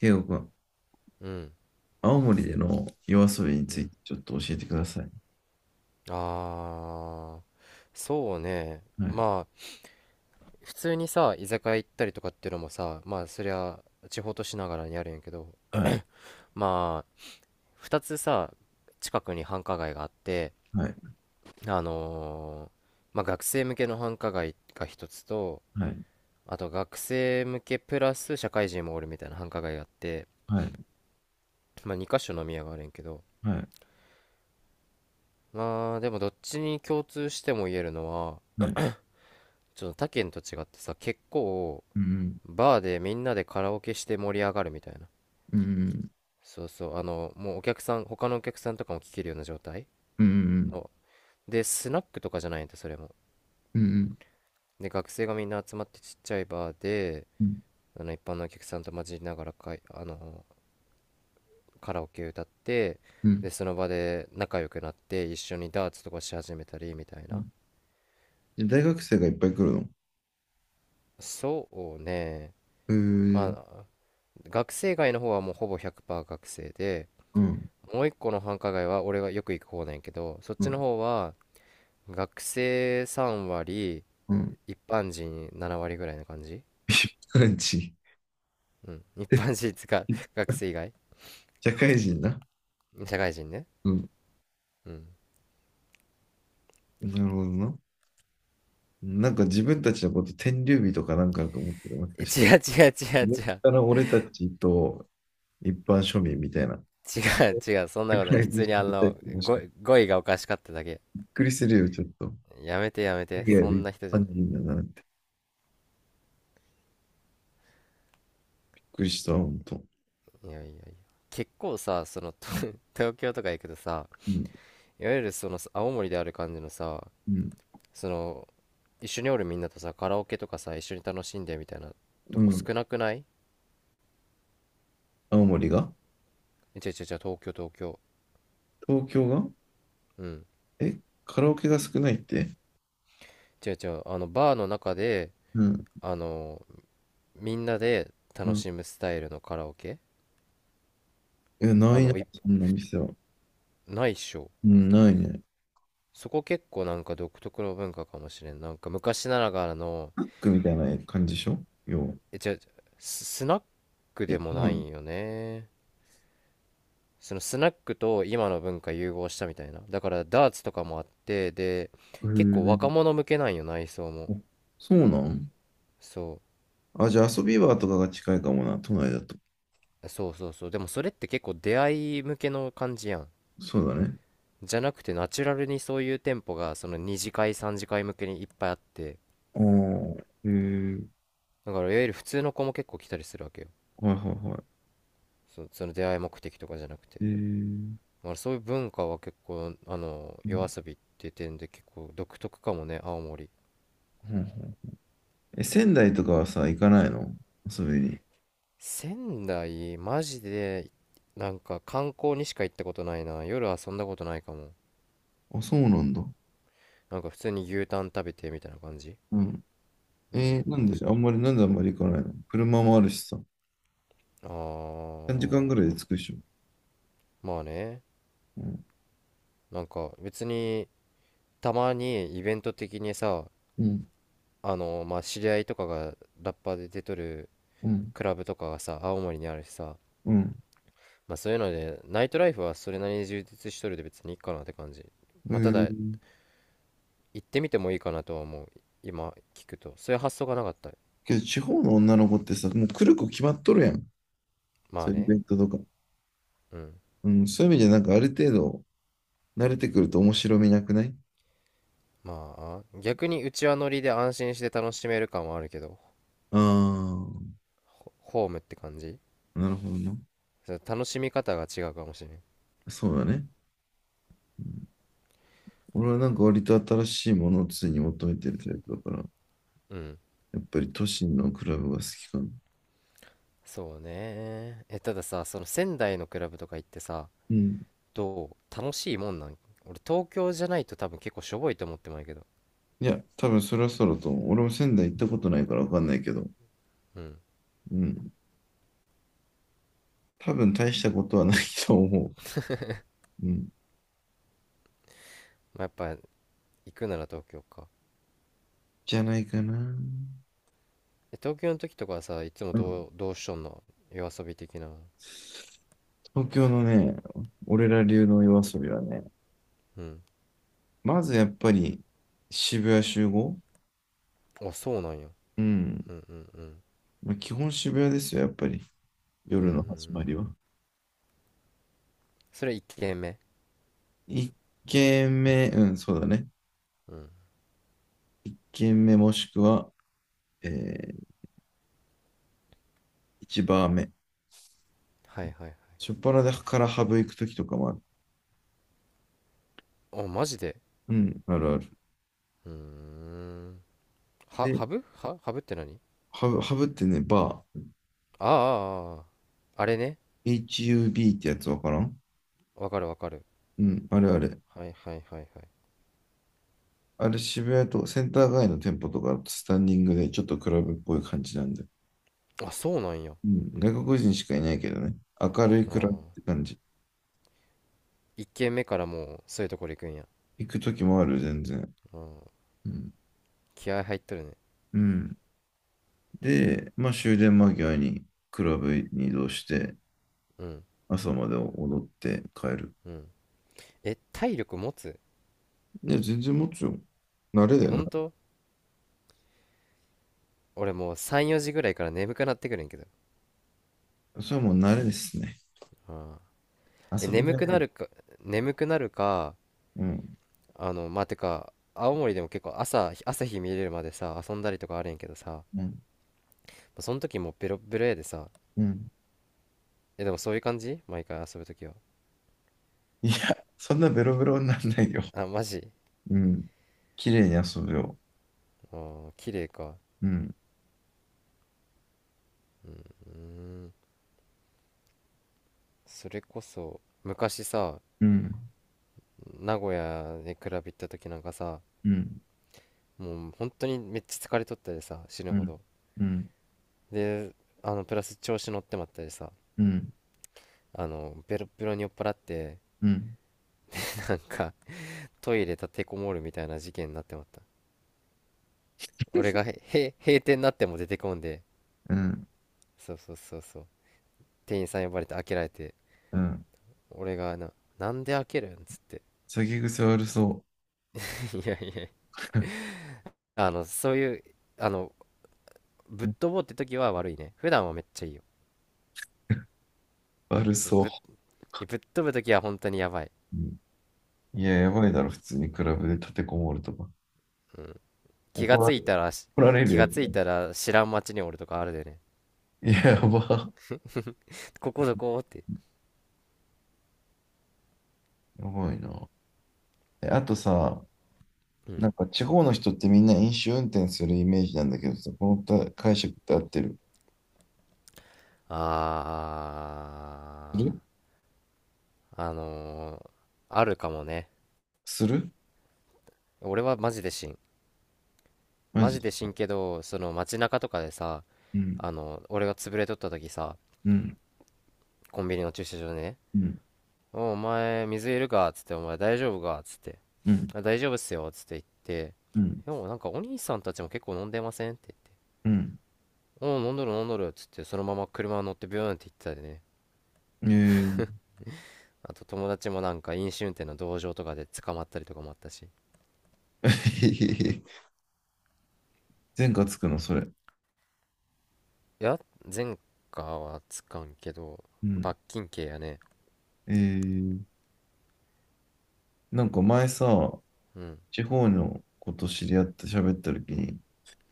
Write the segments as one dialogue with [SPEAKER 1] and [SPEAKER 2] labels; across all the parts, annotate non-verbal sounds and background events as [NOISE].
[SPEAKER 1] ケイゴくん、
[SPEAKER 2] うん、
[SPEAKER 1] 青森での夜遊びに
[SPEAKER 2] う
[SPEAKER 1] つい
[SPEAKER 2] ん。
[SPEAKER 1] てちょっと教えてください。
[SPEAKER 2] ああ、そうね。
[SPEAKER 1] はい、
[SPEAKER 2] まあ、普通にさ、居酒屋行ったりとかっていうのもさ、まあ、そりゃ、地方都市ながらにあるんやけど、
[SPEAKER 1] はい、
[SPEAKER 2] まあ、二つさ、近くに繁華街があって、
[SPEAKER 1] はい、
[SPEAKER 2] あのーまあ、学生向けの繁華街が一つと、
[SPEAKER 1] はい、
[SPEAKER 2] あと学生向けプラス社会人もおるみたいな繁華街があって、
[SPEAKER 1] はい、
[SPEAKER 2] まあ、2箇所飲み屋があるんやけど、
[SPEAKER 1] はい、
[SPEAKER 2] まあ、でもどっちに共通しても言えるのは、
[SPEAKER 1] はい。
[SPEAKER 2] ちょっと他県と違ってさ、結構、
[SPEAKER 1] うん、
[SPEAKER 2] バーでみんなでカラオケして盛り上がるみたいな。
[SPEAKER 1] うん、
[SPEAKER 2] そうそう、あの、もうお客さん、他のお客さんとかも聴けるような状態
[SPEAKER 1] うん、うん、
[SPEAKER 2] の。で、スナックとかじゃないんだ、それも。
[SPEAKER 1] うん、うん、
[SPEAKER 2] で、学生がみんな集まってちっちゃいバーで、あの、一般のお客さんと混じりながらかい、あの、カラオケ歌って、
[SPEAKER 1] うん。
[SPEAKER 2] で、その場で仲良くなって、一緒にダーツとかし始めたり、みたい
[SPEAKER 1] う
[SPEAKER 2] な。
[SPEAKER 1] ん。で大学生がいっぱい来るの？へ
[SPEAKER 2] そうね。ま
[SPEAKER 1] ー。
[SPEAKER 2] あ、学生街の方はもうほぼ100%学生で、
[SPEAKER 1] うん、
[SPEAKER 2] もう一個の繁華街は俺がよく行く方なんやけど、そっ
[SPEAKER 1] う
[SPEAKER 2] ちの
[SPEAKER 1] ん、
[SPEAKER 2] 方は、学生3
[SPEAKER 1] う
[SPEAKER 2] 割、
[SPEAKER 1] ん。
[SPEAKER 2] 一般人7割ぐらいな感じ。
[SPEAKER 1] 一般人。
[SPEAKER 2] うん。一般人つか、[LAUGHS] 学生以
[SPEAKER 1] [LAUGHS]
[SPEAKER 2] 外。
[SPEAKER 1] 社会人な。
[SPEAKER 2] 社会人ね。
[SPEAKER 1] うん。
[SPEAKER 2] うん。
[SPEAKER 1] なるほどな。なんか自分たちのこと天竜日とかなんかあると思ってる、もし
[SPEAKER 2] え
[SPEAKER 1] かして。
[SPEAKER 2] 違う違う違う
[SPEAKER 1] 上
[SPEAKER 2] 違う。
[SPEAKER 1] から俺たちと一般庶民みたいな。
[SPEAKER 2] 違う違う、そんな
[SPEAKER 1] サ
[SPEAKER 2] こと
[SPEAKER 1] プ
[SPEAKER 2] な
[SPEAKER 1] ラ
[SPEAKER 2] い。普
[SPEAKER 1] イズ
[SPEAKER 2] 通
[SPEAKER 1] ショ
[SPEAKER 2] に
[SPEAKER 1] ッ
[SPEAKER 2] あ
[SPEAKER 1] トタイ
[SPEAKER 2] の、
[SPEAKER 1] プ、もし
[SPEAKER 2] 語
[SPEAKER 1] かして。
[SPEAKER 2] 語彙がおかしかっただけ。
[SPEAKER 1] びっくりするよ、ちょっと。
[SPEAKER 2] やめてやめて。
[SPEAKER 1] いやは
[SPEAKER 2] そん
[SPEAKER 1] 一
[SPEAKER 2] な人じ
[SPEAKER 1] 般
[SPEAKER 2] ゃない。
[SPEAKER 1] 人だなって。びっくりした、ほんと。
[SPEAKER 2] いやいやいや。結構さ、その、と
[SPEAKER 1] う
[SPEAKER 2] [LAUGHS] 東京とか行くとさ、
[SPEAKER 1] ん、
[SPEAKER 2] いわゆるその、青森である感じのさ、
[SPEAKER 1] うん、
[SPEAKER 2] その、一緒におるみんなとさ、カラオケとかさ、一緒に楽しんでみたいなと
[SPEAKER 1] う
[SPEAKER 2] こ
[SPEAKER 1] ん。
[SPEAKER 2] 少なくない。
[SPEAKER 1] 青森が？
[SPEAKER 2] え違う違う違う、東京東京。
[SPEAKER 1] 東京が？
[SPEAKER 2] うん。
[SPEAKER 1] え、カラオケが少ないって？
[SPEAKER 2] 違う違う、あのバーの中で、
[SPEAKER 1] うん、
[SPEAKER 2] あのみんなで
[SPEAKER 1] う
[SPEAKER 2] 楽
[SPEAKER 1] ん。
[SPEAKER 2] しむスタイルのカラオケ。
[SPEAKER 1] いや、な
[SPEAKER 2] あ
[SPEAKER 1] いな、
[SPEAKER 2] の、い
[SPEAKER 1] そんな店は。
[SPEAKER 2] ないっしょ。
[SPEAKER 1] うん、ないね。
[SPEAKER 2] そこ結構なんか独特の文化かもしれん、なんか昔ながらの。
[SPEAKER 1] ブックみたいな感じでしょ要は。
[SPEAKER 2] え違う違う、スナック
[SPEAKER 1] え、
[SPEAKER 2] でも
[SPEAKER 1] 違う
[SPEAKER 2] な
[SPEAKER 1] の？
[SPEAKER 2] いよね。そのスナックと今の文化融合したみたいな。だからダーツとかもあってで、
[SPEAKER 1] へ
[SPEAKER 2] 結構若
[SPEAKER 1] え。
[SPEAKER 2] 者向けなんよ、内装
[SPEAKER 1] あ
[SPEAKER 2] も。
[SPEAKER 1] そうなん？
[SPEAKER 2] そ
[SPEAKER 1] あ、じゃあ遊び場とかが近いかもな、都内だと。
[SPEAKER 2] うそうそうそう。でもそれって結構出会い向けの感じやん。
[SPEAKER 1] そうだね。
[SPEAKER 2] じゃなくてナチュラルにそういう店舗がその2次会3次会向けにいっぱいあって、
[SPEAKER 1] ああ、へえ。
[SPEAKER 2] だからいわゆる普通の子も結構来たりするわけよ。
[SPEAKER 1] はいはいは
[SPEAKER 2] そその出会い目的とかじゃなく
[SPEAKER 1] い。
[SPEAKER 2] て。
[SPEAKER 1] へえ。う
[SPEAKER 2] まあそういう文化は結構あの夜
[SPEAKER 1] ん
[SPEAKER 2] 遊びっていう点で結構独特かもね、青森。
[SPEAKER 1] うん。え、仙台とかはさ、行かないの？遊びに。
[SPEAKER 2] 仙台マジで、なんか観光にしか行ったことないな、夜遊んだことないかも。
[SPEAKER 1] あ、そうなんだ。
[SPEAKER 2] なんか普通に牛タン食べてみたいな感じ。
[SPEAKER 1] うん。
[SPEAKER 2] うん、
[SPEAKER 1] な
[SPEAKER 2] な
[SPEAKER 1] ん
[SPEAKER 2] んかし、
[SPEAKER 1] で、あんまり、なんであんまり行かないの？車もあるしさ。
[SPEAKER 2] あ
[SPEAKER 1] 3時間ぐらい
[SPEAKER 2] ー、
[SPEAKER 1] で着くでしょ。
[SPEAKER 2] まあね。
[SPEAKER 1] うん。
[SPEAKER 2] なんか別に、たまにイベント的にさ、
[SPEAKER 1] うん。
[SPEAKER 2] あの、まあ知り合いとかがラッパーで出とる
[SPEAKER 1] うん。
[SPEAKER 2] クラブとかがさ青森にあるしさ、
[SPEAKER 1] うん。
[SPEAKER 2] まあそういうのでナイトライフはそれなりに充実しとるで別にいいかなって感じ。
[SPEAKER 1] う
[SPEAKER 2] まあただ
[SPEAKER 1] ー
[SPEAKER 2] 行ってみてもいいかなとは思う、今聞くとそういう発想がなかった。
[SPEAKER 1] けど、地方の女の子ってさ、もう来る子決まっとるやん。
[SPEAKER 2] ま
[SPEAKER 1] そ
[SPEAKER 2] あ
[SPEAKER 1] ういうイベ
[SPEAKER 2] ね。
[SPEAKER 1] ントとか。
[SPEAKER 2] うん。
[SPEAKER 1] うん。そういう意味で、なんかある程度、慣れてくると面白みなくない？
[SPEAKER 2] まあ逆にうちわ乗りで安心して楽しめる感はあるけど、
[SPEAKER 1] ああ
[SPEAKER 2] ホームって感じ。
[SPEAKER 1] ー、なるほどな。
[SPEAKER 2] そう、楽しみ方が違うかもしれん。
[SPEAKER 1] そうだね。うん。俺はなんか割と新しいものを常に求めてるタイプだから、
[SPEAKER 2] うん。
[SPEAKER 1] やっぱり都心のクラブが好きかな。
[SPEAKER 2] そうねえ、ただ、さその仙台のクラブとか行ってさ
[SPEAKER 1] うん。
[SPEAKER 2] と楽しいもんなん？俺東京じゃないと多分結構しょぼいと思ってまうけど。
[SPEAKER 1] いや、多分そろそろと思う、俺も仙台行ったことないからわかんないけど、
[SPEAKER 2] うん、
[SPEAKER 1] うん。多分大したことはないと思う。うん。
[SPEAKER 2] まあ、やっぱ行くなら東京か。
[SPEAKER 1] じゃないかな。
[SPEAKER 2] え東京の時とかはさ、いつも
[SPEAKER 1] うん。
[SPEAKER 2] どう、どうしとんの、夜遊び的な。
[SPEAKER 1] 東京のね、俺ら流の夜遊びはね、
[SPEAKER 2] うん。
[SPEAKER 1] まずやっぱり渋谷集合。
[SPEAKER 2] あそうなんや。
[SPEAKER 1] うん。
[SPEAKER 2] うんうんうん。
[SPEAKER 1] まあ、基本渋谷ですよ、やっぱり。
[SPEAKER 2] うんう
[SPEAKER 1] 夜
[SPEAKER 2] んう
[SPEAKER 1] の始ま
[SPEAKER 2] ん。
[SPEAKER 1] りは。
[SPEAKER 2] それ1軒目？
[SPEAKER 1] 一軒目、うん、そうだね。
[SPEAKER 2] うん。
[SPEAKER 1] 一軒目もしくは、えー、一バー目。
[SPEAKER 2] はいはいは
[SPEAKER 1] 初っ端からハブ行くときとかもある。
[SPEAKER 2] い。あマジで、
[SPEAKER 1] うん、あるある。
[SPEAKER 2] うん。
[SPEAKER 1] で、
[SPEAKER 2] ハブ？ハブって何？
[SPEAKER 1] ハブってね、バー。
[SPEAKER 2] あああ。ああ。ああれね。
[SPEAKER 1] HUB ってやつわからん。
[SPEAKER 2] わかるわかる。
[SPEAKER 1] うん、あれあれ。
[SPEAKER 2] はいはいはいはい。
[SPEAKER 1] あれ渋谷とセンター街の店舗とかスタンディングでちょっとクラブっぽい感じなんで。
[SPEAKER 2] あそうなんや。あ
[SPEAKER 1] うん、外国人しかいないけどね。明るい
[SPEAKER 2] あ、
[SPEAKER 1] クラブって感じ。
[SPEAKER 2] 1軒目からもうそういうところ行くんや。
[SPEAKER 1] 行く時もある、全然。
[SPEAKER 2] うん。
[SPEAKER 1] うん。
[SPEAKER 2] 気合入っとるね。
[SPEAKER 1] うん。で、まあ終電間際にクラブに移動して、
[SPEAKER 2] うん。
[SPEAKER 1] 朝まで踊って帰る。
[SPEAKER 2] うん。え体力持つ？
[SPEAKER 1] いや、全然持つよ。慣れだ
[SPEAKER 2] え
[SPEAKER 1] よ
[SPEAKER 2] 本
[SPEAKER 1] な。
[SPEAKER 2] 当？俺もう3、4時ぐらいから眠くなってくるんやけど。
[SPEAKER 1] それはもう慣れですね。
[SPEAKER 2] うん。え
[SPEAKER 1] 遊び
[SPEAKER 2] 眠
[SPEAKER 1] 慣
[SPEAKER 2] く
[SPEAKER 1] れ
[SPEAKER 2] な
[SPEAKER 1] る。
[SPEAKER 2] るか、眠くなるか。
[SPEAKER 1] うん。
[SPEAKER 2] あのまあてか青森でも結構朝、朝日見れるまでさ遊んだりとかあるんやけどさ、
[SPEAKER 1] うん。
[SPEAKER 2] その時もうベロッベロやでさ。
[SPEAKER 1] うん。
[SPEAKER 2] えでもそういう感じ毎回遊ぶ時は？
[SPEAKER 1] いや、そんなベロベロにならないよ。
[SPEAKER 2] あマジ？
[SPEAKER 1] うん。綺麗に遊ぶよ。
[SPEAKER 2] あー綺麗か。
[SPEAKER 1] うん。
[SPEAKER 2] うーん。それこそ昔さ
[SPEAKER 1] うん。
[SPEAKER 2] 名古屋でクラブ行った時なんかさ、
[SPEAKER 1] うん。
[SPEAKER 2] もう本当にめっちゃ疲れとったでさ死ぬ
[SPEAKER 1] う
[SPEAKER 2] ほ
[SPEAKER 1] ん。
[SPEAKER 2] ど。
[SPEAKER 1] うん。
[SPEAKER 2] で、あのプラス調子乗ってまったりさ、
[SPEAKER 1] うん。
[SPEAKER 2] あのベロッベロに酔っ払って、
[SPEAKER 1] うん。
[SPEAKER 2] なんかトイレ立てこもるみたいな事件になってまった。俺が閉店になっても出てこんで、
[SPEAKER 1] うん。
[SPEAKER 2] そうそうそうそう、店員さん呼ばれて開けられて
[SPEAKER 1] うん。
[SPEAKER 2] 俺がな、「なんで開けるん？」っつって、
[SPEAKER 1] 酒癖悪そ
[SPEAKER 2] [LAUGHS]「いやいや、あのそういう、あの、ぶっ
[SPEAKER 1] う。
[SPEAKER 2] 飛ぼうって時は悪いね、普段はめっちゃいいよ。
[SPEAKER 1] 悪
[SPEAKER 2] そう、
[SPEAKER 1] そ
[SPEAKER 2] ぶっ
[SPEAKER 1] う。
[SPEAKER 2] ぶっ飛ぶ時は本当にやばい、
[SPEAKER 1] うん。いや、
[SPEAKER 2] う
[SPEAKER 1] や
[SPEAKER 2] ん。
[SPEAKER 1] ばいだろ、普通にクラブで立てこもるとか。
[SPEAKER 2] うん、気が
[SPEAKER 1] 怒ら
[SPEAKER 2] つ
[SPEAKER 1] れ、
[SPEAKER 2] い
[SPEAKER 1] 怒
[SPEAKER 2] たらし、
[SPEAKER 1] られる
[SPEAKER 2] 気
[SPEAKER 1] やつ。
[SPEAKER 2] がついたら知らん街におるとかあるでね、
[SPEAKER 1] いや、やば。
[SPEAKER 2] ここどこって。
[SPEAKER 1] やばいな。え、あとさ、
[SPEAKER 2] うん。
[SPEAKER 1] なんか地方の人ってみんな飲酒運転するイメージなんだけどさ、このた解釈って合ってる？
[SPEAKER 2] あー、あのー、あるかもね。
[SPEAKER 1] するする。
[SPEAKER 2] 俺はマジで死ん。
[SPEAKER 1] マ
[SPEAKER 2] マ
[SPEAKER 1] ジ？
[SPEAKER 2] ジで死んけど、その街中とかでさ、
[SPEAKER 1] うん。
[SPEAKER 2] あの、俺が潰れとった時さ、
[SPEAKER 1] うん。
[SPEAKER 2] コンビニの駐車場でね、
[SPEAKER 1] うん。
[SPEAKER 2] おお前、水いるかっつって、お前大丈夫かっつって、
[SPEAKER 1] うん。
[SPEAKER 2] あ大丈夫っすよっつって言って、
[SPEAKER 1] うん。
[SPEAKER 2] でもなんかお兄さんたちも結構飲んでませんって
[SPEAKER 1] うん。
[SPEAKER 2] 言って、おう飲んどる飲んどるっつって、そのまま車乗ってビューンって行ってたでね。
[SPEAKER 1] えー、
[SPEAKER 2] あと友達もなんか飲酒運転の同情とかで捕まったりとかもあったし。
[SPEAKER 1] [LAUGHS] 前科つくの、それ？
[SPEAKER 2] いや、前科はつかんけど、
[SPEAKER 1] うん。
[SPEAKER 2] 罰金刑やね。
[SPEAKER 1] えー、なんか前さ、
[SPEAKER 2] うん、
[SPEAKER 1] 地方のこと知り合って喋った時に、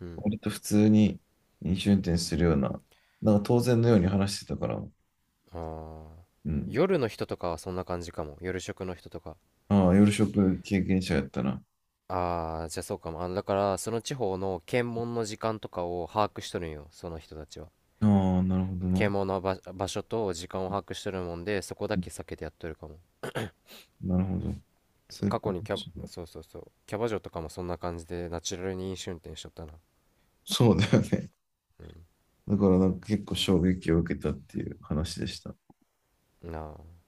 [SPEAKER 2] うん。
[SPEAKER 1] 割と普通に飲酒運転するような、なんか当然のように話してたから、
[SPEAKER 2] ああ、
[SPEAKER 1] うん。
[SPEAKER 2] 夜の人とかはそんな感じかも。夜食の人とか。
[SPEAKER 1] ああ、夜食経験者やったな。
[SPEAKER 2] ああ、じゃあそうかも。あ、だから、その地方の検問の時間とかを把握しとるんよ、その人たちは。
[SPEAKER 1] ああ、なるほどな。
[SPEAKER 2] 検問の場所と時間を把握しとるもんで、そこだ
[SPEAKER 1] う
[SPEAKER 2] け
[SPEAKER 1] ん。
[SPEAKER 2] 避けてやっとるかも。
[SPEAKER 1] なるほど。そういう
[SPEAKER 2] 過
[SPEAKER 1] こ
[SPEAKER 2] 去
[SPEAKER 1] と
[SPEAKER 2] にキ
[SPEAKER 1] で
[SPEAKER 2] ャバ、
[SPEAKER 1] しょうね。
[SPEAKER 2] そうそうそう、キャバ嬢とかもそんな感じで、ナチュラルに飲酒運転しとったな。
[SPEAKER 1] そうだよね。
[SPEAKER 2] うん。
[SPEAKER 1] だからなんか結構衝撃を受けたっていう話でした。
[SPEAKER 2] なあ。